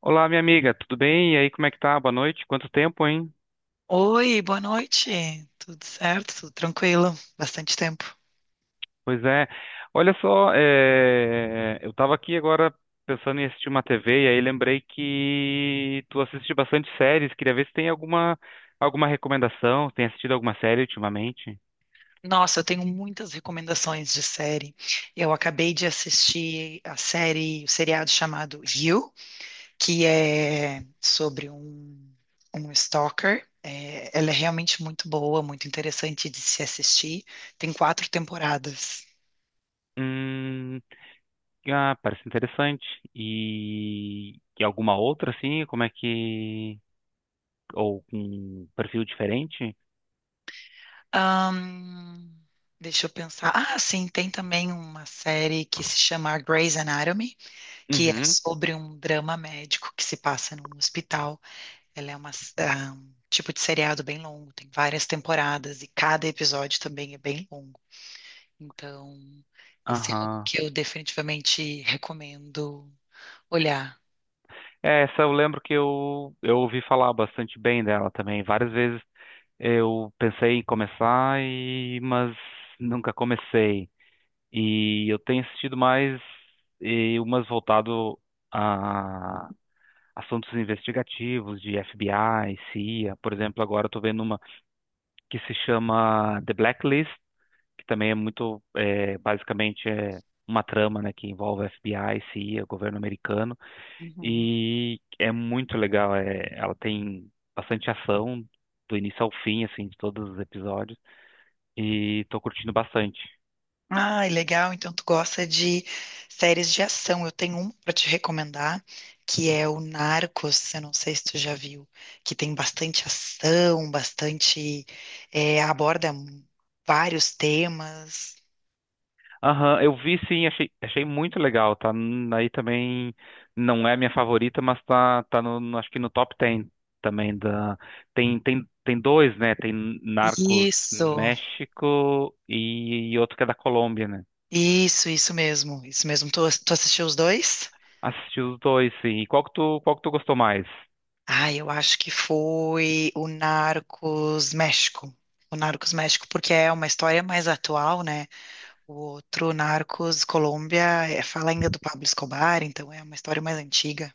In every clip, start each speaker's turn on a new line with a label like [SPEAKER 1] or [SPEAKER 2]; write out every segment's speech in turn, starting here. [SPEAKER 1] Olá, minha amiga, tudo bem? E aí, como é que tá? Boa noite. Quanto tempo, hein?
[SPEAKER 2] Oi, boa noite. Tudo certo? Tudo tranquilo? Bastante tempo.
[SPEAKER 1] Pois é. Olha só, eu tava aqui agora pensando em assistir uma TV e aí lembrei que tu assiste bastante séries. Queria ver se tem alguma recomendação, se tem assistido alguma série ultimamente.
[SPEAKER 2] Nossa, eu tenho muitas recomendações de série. Eu acabei de assistir a série, o seriado chamado You, que é sobre um stalker. É, ela é realmente muito boa, muito interessante de se assistir. Tem 4 temporadas.
[SPEAKER 1] Hum, ah, parece interessante. E alguma outra, assim? Como é que? Ou com um perfil diferente?
[SPEAKER 2] Ahn, deixa eu pensar. Ah, sim, tem também uma série que se chama Grey's Anatomy, que é
[SPEAKER 1] Uhum.
[SPEAKER 2] sobre um drama médico que se passa num hospital. Ela é um tipo de seriado bem longo, tem várias temporadas e cada episódio também é bem longo. Então, esse é algo
[SPEAKER 1] Aham.
[SPEAKER 2] que eu definitivamente recomendo olhar.
[SPEAKER 1] É, essa eu lembro que eu ouvi falar bastante bem dela também. Várias vezes eu pensei em começar, mas nunca comecei. E eu tenho assistido mais e umas voltado a assuntos investigativos de FBI, CIA. Por exemplo, agora eu tô vendo uma que se chama The Blacklist, que também é muito, basicamente é uma trama, né, que envolve FBI, CIA, governo americano.
[SPEAKER 2] Uhum.
[SPEAKER 1] E é muito legal. É, ela tem bastante ação do início ao fim, assim, de todos os episódios. E tô curtindo bastante.
[SPEAKER 2] Ai, legal. Então tu gosta de séries de ação. Eu tenho um para te recomendar, que é o Narcos. Eu não sei se tu já viu, que tem bastante ação, bastante aborda vários temas.
[SPEAKER 1] Aham, eu vi, sim, achei muito legal. Tá, aí também, não é a minha favorita, mas acho que no top 10 também da. Tem dois, né? Tem Narcos
[SPEAKER 2] Isso,
[SPEAKER 1] México e outro que é da Colômbia, né?
[SPEAKER 2] isso mesmo, isso mesmo. Tu assistiu os dois?
[SPEAKER 1] Assisti os dois, sim. E qual que tu gostou mais?
[SPEAKER 2] Ah, eu acho que foi o Narcos México. O Narcos México, porque é uma história mais atual, né? O outro, Narcos, Colômbia, é- fala ainda do Pablo Escobar, então é uma história mais antiga.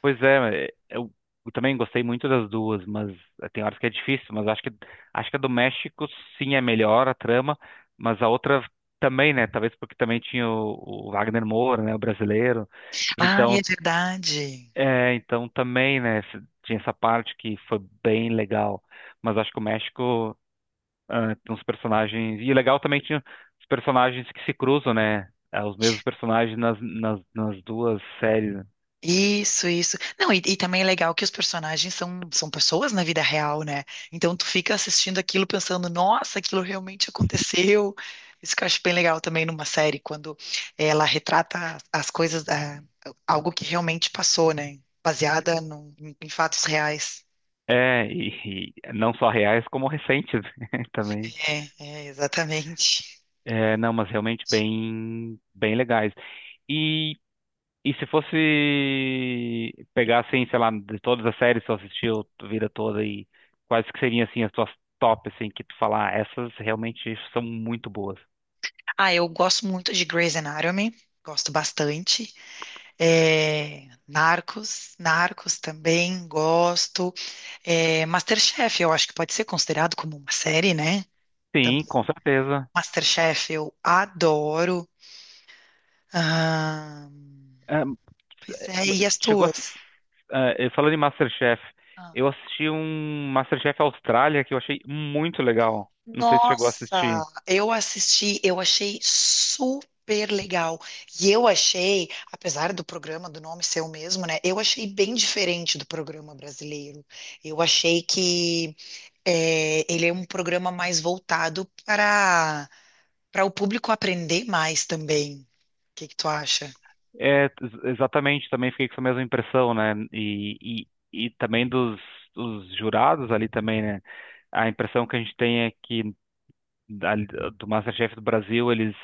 [SPEAKER 1] Pois é, eu também gostei muito das duas, mas tem horas que é difícil, mas acho que a do México sim é melhor a trama, mas a outra também, né? Talvez porque também tinha o Wagner Moura, né, o brasileiro.
[SPEAKER 2] Ah, é
[SPEAKER 1] Então,
[SPEAKER 2] verdade.
[SPEAKER 1] então também, né, tinha essa parte que foi bem legal, mas acho que o México, tem uns personagens, e legal também tinha os personagens que se cruzam, né? Os mesmos personagens nas, nas duas séries, né.
[SPEAKER 2] Isso, isso. Não, e também é legal que os personagens são pessoas na vida real, né? Então tu fica assistindo aquilo pensando, nossa, aquilo realmente aconteceu. Isso que eu acho bem legal também numa série, quando ela retrata as coisas, ah, algo que realmente passou, né? Baseada num- em fatos reais.
[SPEAKER 1] É, e não só reais, como recentes também.
[SPEAKER 2] É, exatamente.
[SPEAKER 1] É, não, mas realmente bem, bem legais. E, e se fosse pegar, assim, sei lá, de todas as séries que tu assistiu a vida toda, e quais que seriam, assim, as tuas top, assim, que tu falar, "Ah, essas realmente são muito boas."
[SPEAKER 2] Ah, eu gosto muito de Grey's Anatomy, gosto bastante. É, Narcos também gosto. É, MasterChef, eu acho que pode ser considerado como uma série, né?
[SPEAKER 1] Sim,
[SPEAKER 2] Também.
[SPEAKER 1] com certeza.
[SPEAKER 2] MasterChef eu adoro. Ah,
[SPEAKER 1] Ah,
[SPEAKER 2] pois é, e as
[SPEAKER 1] chegou.
[SPEAKER 2] tuas?
[SPEAKER 1] Falando em MasterChef, eu assisti um MasterChef Austrália que eu achei muito legal. Não sei se chegou a assistir.
[SPEAKER 2] Nossa, eu assisti, eu achei super legal. E eu achei, apesar do programa, do nome ser o mesmo, né? Eu achei bem diferente do programa brasileiro. Eu achei que é, ele é um programa mais voltado para o público aprender mais também. O que que tu acha?
[SPEAKER 1] É, exatamente, também fiquei com essa mesma impressão, né? E também dos jurados ali também, né? A impressão que a gente tem é que, ali do MasterChef do Brasil, eles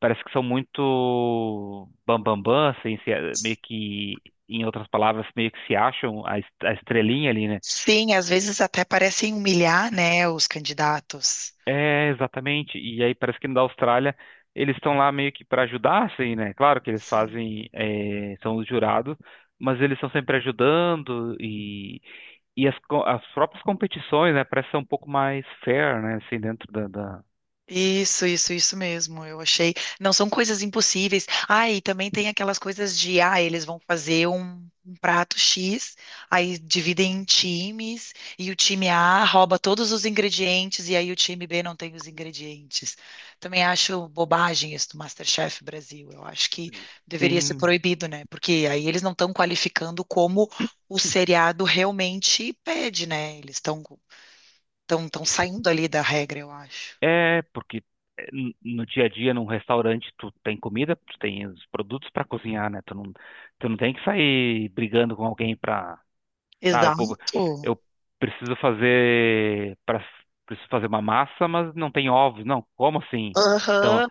[SPEAKER 1] parece que são muito bam bam bam, assim, meio que, em outras palavras, meio que se acham a estrelinha ali, né?
[SPEAKER 2] Sim, às vezes até parecem humilhar, né, os candidatos.
[SPEAKER 1] É, exatamente. E aí parece que na Austrália eles estão lá meio que para ajudar, assim, né? Claro que eles
[SPEAKER 2] Sim.
[SPEAKER 1] fazem, são os jurados, mas eles estão sempre ajudando, e as próprias competições, né? Parece ser um pouco mais fair, né? Assim, dentro da.
[SPEAKER 2] Isso mesmo. Eu achei. Não são coisas impossíveis. Ah, e também tem aquelas coisas de, ah, eles vão fazer um prato X, aí dividem em times, e o time A rouba todos os ingredientes, e aí o time B não tem os ingredientes. Também acho bobagem isso do MasterChef Brasil. Eu acho que deveria ser
[SPEAKER 1] Sim,
[SPEAKER 2] proibido, né? Porque aí eles não estão qualificando como o seriado realmente pede, né? Eles estão saindo ali da regra, eu acho.
[SPEAKER 1] porque no dia a dia, num restaurante, tu tem comida, tu tem os produtos para cozinhar, né? Tu não tem que sair brigando com alguém para. Tá, pô,
[SPEAKER 2] Exato.
[SPEAKER 1] eu preciso fazer para preciso fazer uma massa, mas não tem ovos, não. Como assim? Então,
[SPEAKER 2] Aham.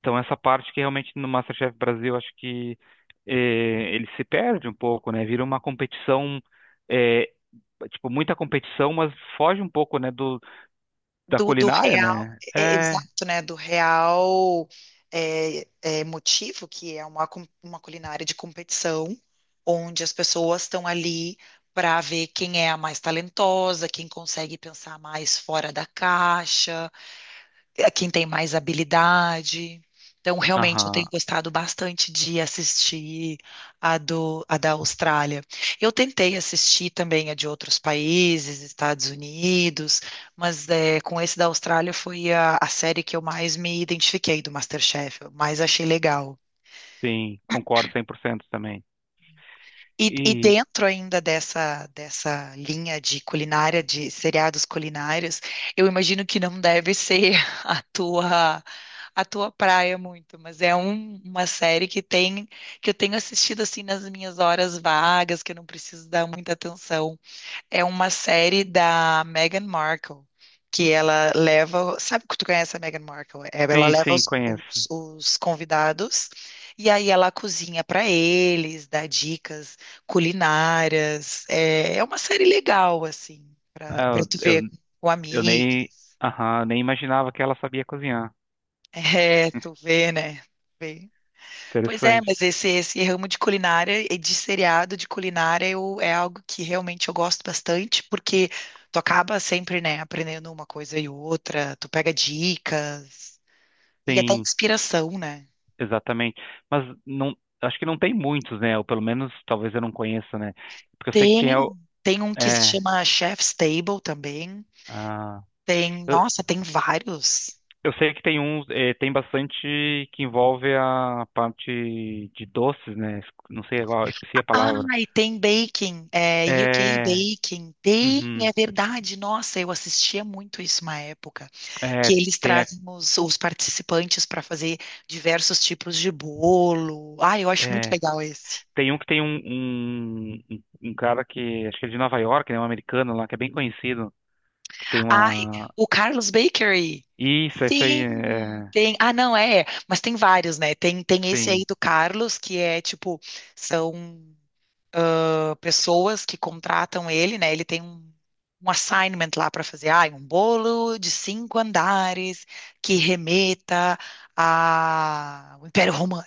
[SPEAKER 1] então essa parte que realmente no MasterChef Brasil, acho que ele se perde um pouco, né? Vira uma competição, eh, tipo, muita competição, mas foge um pouco, né, do da
[SPEAKER 2] Do
[SPEAKER 1] culinária,
[SPEAKER 2] real,
[SPEAKER 1] né?
[SPEAKER 2] é
[SPEAKER 1] É,
[SPEAKER 2] exato, né? Do real motivo, que é uma, com- uma culinária de competição, onde as pessoas estão ali para ver quem é a mais talentosa, quem consegue pensar mais fora da caixa. É quem tem mais habilidade. Então, realmente, eu
[SPEAKER 1] aham,
[SPEAKER 2] tenho gostado bastante de assistir a da Austrália. Eu tentei assistir também a de outros países, Estados Unidos, mas é, com esse da Austrália foi a série que eu mais me identifiquei do MasterChef, eu mais achei legal.
[SPEAKER 1] sim, concordo 100% também.
[SPEAKER 2] E
[SPEAKER 1] E
[SPEAKER 2] dentro ainda dessa linha de culinária, de seriados culinários, eu imagino que não deve ser a tua, a tua praia muito, mas é um- uma série que tem, que eu tenho assistido assim nas minhas horas vagas, que eu não preciso dar muita atenção. É uma série da Meghan Markle, que ela leva. Sabe que tu conhece a Meghan Markle? É, ela
[SPEAKER 1] sim,
[SPEAKER 2] leva
[SPEAKER 1] sim, conheço.
[SPEAKER 2] os convidados e aí ela cozinha para eles, dá dicas culinárias. É, é uma série legal, assim, para
[SPEAKER 1] Ah,
[SPEAKER 2] tu
[SPEAKER 1] Eu,
[SPEAKER 2] ver
[SPEAKER 1] eu,
[SPEAKER 2] com
[SPEAKER 1] eu
[SPEAKER 2] amigos.
[SPEAKER 1] nem, aham, nem imaginava que ela sabia cozinhar.
[SPEAKER 2] É, tu vê, né? Vê. Pois é,
[SPEAKER 1] Interessante.
[SPEAKER 2] mas esse ramo de culinária e de seriado de culinária eu, é algo que realmente eu gosto bastante, porque tu acaba sempre, né, aprendendo uma coisa e outra, tu pega dicas e até
[SPEAKER 1] Sim,
[SPEAKER 2] inspiração, né?
[SPEAKER 1] exatamente. Mas não, acho que não tem muitos, né? Ou pelo menos talvez eu não conheça, né? Porque eu sei que
[SPEAKER 2] Tem,
[SPEAKER 1] tem.
[SPEAKER 2] tem um que se
[SPEAKER 1] É,
[SPEAKER 2] chama Chef's Table também,
[SPEAKER 1] ah,
[SPEAKER 2] tem,
[SPEAKER 1] eu,
[SPEAKER 2] nossa, tem vários.
[SPEAKER 1] eu sei que tem uns. Tem bastante que envolve a parte de doces, né? Não sei agora, esqueci a
[SPEAKER 2] Ah,
[SPEAKER 1] palavra.
[SPEAKER 2] e tem baking, é, UK
[SPEAKER 1] É.
[SPEAKER 2] baking, tem,
[SPEAKER 1] Uhum.
[SPEAKER 2] é verdade, nossa, eu assistia muito isso uma época.
[SPEAKER 1] é,
[SPEAKER 2] Que eles
[SPEAKER 1] tem, a-
[SPEAKER 2] trazem os participantes para fazer diversos tipos de bolo. Ah, eu acho muito
[SPEAKER 1] é,
[SPEAKER 2] legal esse.
[SPEAKER 1] Tem um que tem um cara que. Acho que é de Nova York, né? Um americano lá, que é bem conhecido. Que tem
[SPEAKER 2] Ah,
[SPEAKER 1] uma.
[SPEAKER 2] o Carlos Bakery.
[SPEAKER 1] Isso, esse aí.
[SPEAKER 2] Sim,
[SPEAKER 1] É,
[SPEAKER 2] tem. Ah, não, é, é, mas tem vários, né? Tem esse aí
[SPEAKER 1] sim.
[SPEAKER 2] do Carlos, que é tipo, são ah, pessoas que contratam ele, né? Ele tem um, um assignment lá para fazer, ah, um bolo de 5 andares que remeta ao Império Romano.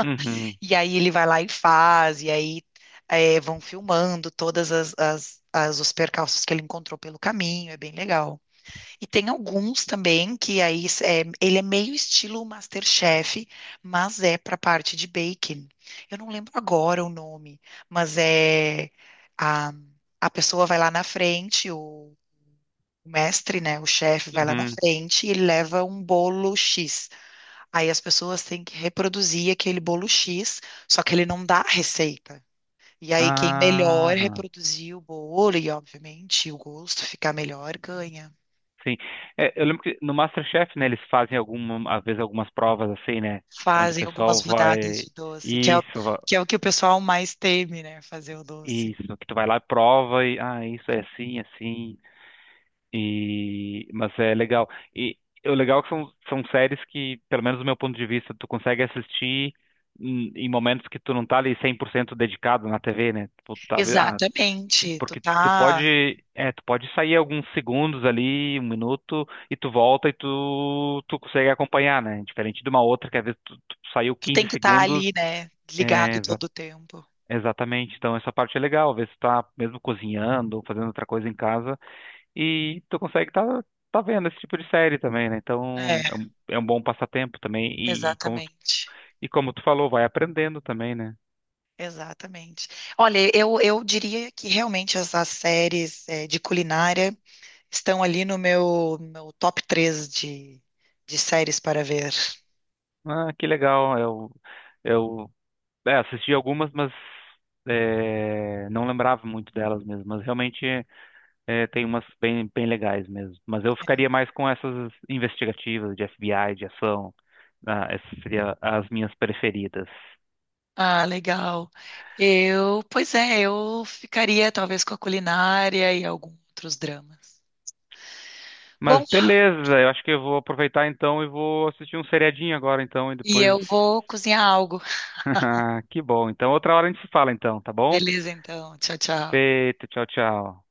[SPEAKER 1] Uhum.
[SPEAKER 2] E aí ele vai lá e faz, e aí é, vão filmando todas as, as- as- os percalços que ele encontrou pelo caminho, é bem legal. E tem alguns também que aí é, ele é meio estilo MasterChef, mas é para a parte de baking. Eu não lembro agora o nome, mas é a, a pessoa vai lá na frente, o mestre, né, o chefe vai lá na
[SPEAKER 1] Uhum.
[SPEAKER 2] frente e ele leva um bolo X. Aí as pessoas têm que reproduzir aquele bolo X, só que ele não dá a receita. E aí quem melhor
[SPEAKER 1] Ah,
[SPEAKER 2] reproduzir o bolo e, obviamente, o gosto ficar melhor, ganha.
[SPEAKER 1] sim. É, eu lembro que no MasterChef, né, eles fazem alguma, às vezes algumas provas, assim, né, onde o
[SPEAKER 2] Fazem algumas
[SPEAKER 1] pessoal
[SPEAKER 2] rodadas
[SPEAKER 1] vai,
[SPEAKER 2] de doce, que é, o-
[SPEAKER 1] isso,
[SPEAKER 2] que é o que o pessoal mais teme, né? Fazer o doce.
[SPEAKER 1] isso, que tu vai lá e prova, e isso é assim, assim. E mas é legal. E o legal é que são séries que, pelo menos do meu ponto de vista, tu consegue assistir em momentos que tu não tá ali 100% dedicado na TV, né? Tu tá.
[SPEAKER 2] Exatamente.
[SPEAKER 1] Porque tu pode, é, tu pode sair alguns segundos ali, um minuto, e tu volta, e tu consegue acompanhar, né? Diferente de uma outra, que às vezes tu saiu
[SPEAKER 2] Tu
[SPEAKER 1] 15
[SPEAKER 2] tem que estar
[SPEAKER 1] segundos,
[SPEAKER 2] ali, né?
[SPEAKER 1] é,
[SPEAKER 2] Ligado
[SPEAKER 1] exa-
[SPEAKER 2] todo o tempo.
[SPEAKER 1] exatamente. Então essa parte é legal, às vezes tu tá mesmo cozinhando, ou fazendo outra coisa em casa, e tu consegue tá vendo esse tipo de série também, né? Então
[SPEAKER 2] É,
[SPEAKER 1] é um bom passatempo também, e como,
[SPEAKER 2] exatamente.
[SPEAKER 1] e como tu falou, vai aprendendo também, né?
[SPEAKER 2] Exatamente. Olha, eu diria que realmente as as séries eh, de culinária estão ali no meu, meu top 3 de séries para ver.
[SPEAKER 1] Ah, que legal. Eu Assisti algumas, mas não lembrava muito delas mesmo. Mas realmente, tem umas bem, bem legais mesmo. Mas eu ficaria mais com essas investigativas de FBI, de ação. Ah, essas seriam as minhas preferidas.
[SPEAKER 2] Ah, legal. Eu, pois é, eu ficaria talvez com a culinária e alguns outros dramas.
[SPEAKER 1] Mas
[SPEAKER 2] Bom,
[SPEAKER 1] beleza, eu acho que eu vou aproveitar então e vou assistir um seriadinho agora então e
[SPEAKER 2] e
[SPEAKER 1] depois.
[SPEAKER 2] eu vou cozinhar algo.
[SPEAKER 1] Que bom. Então outra hora a gente se fala então, tá bom?
[SPEAKER 2] Beleza, então. Tchau, tchau.
[SPEAKER 1] Feito, tchau, tchau.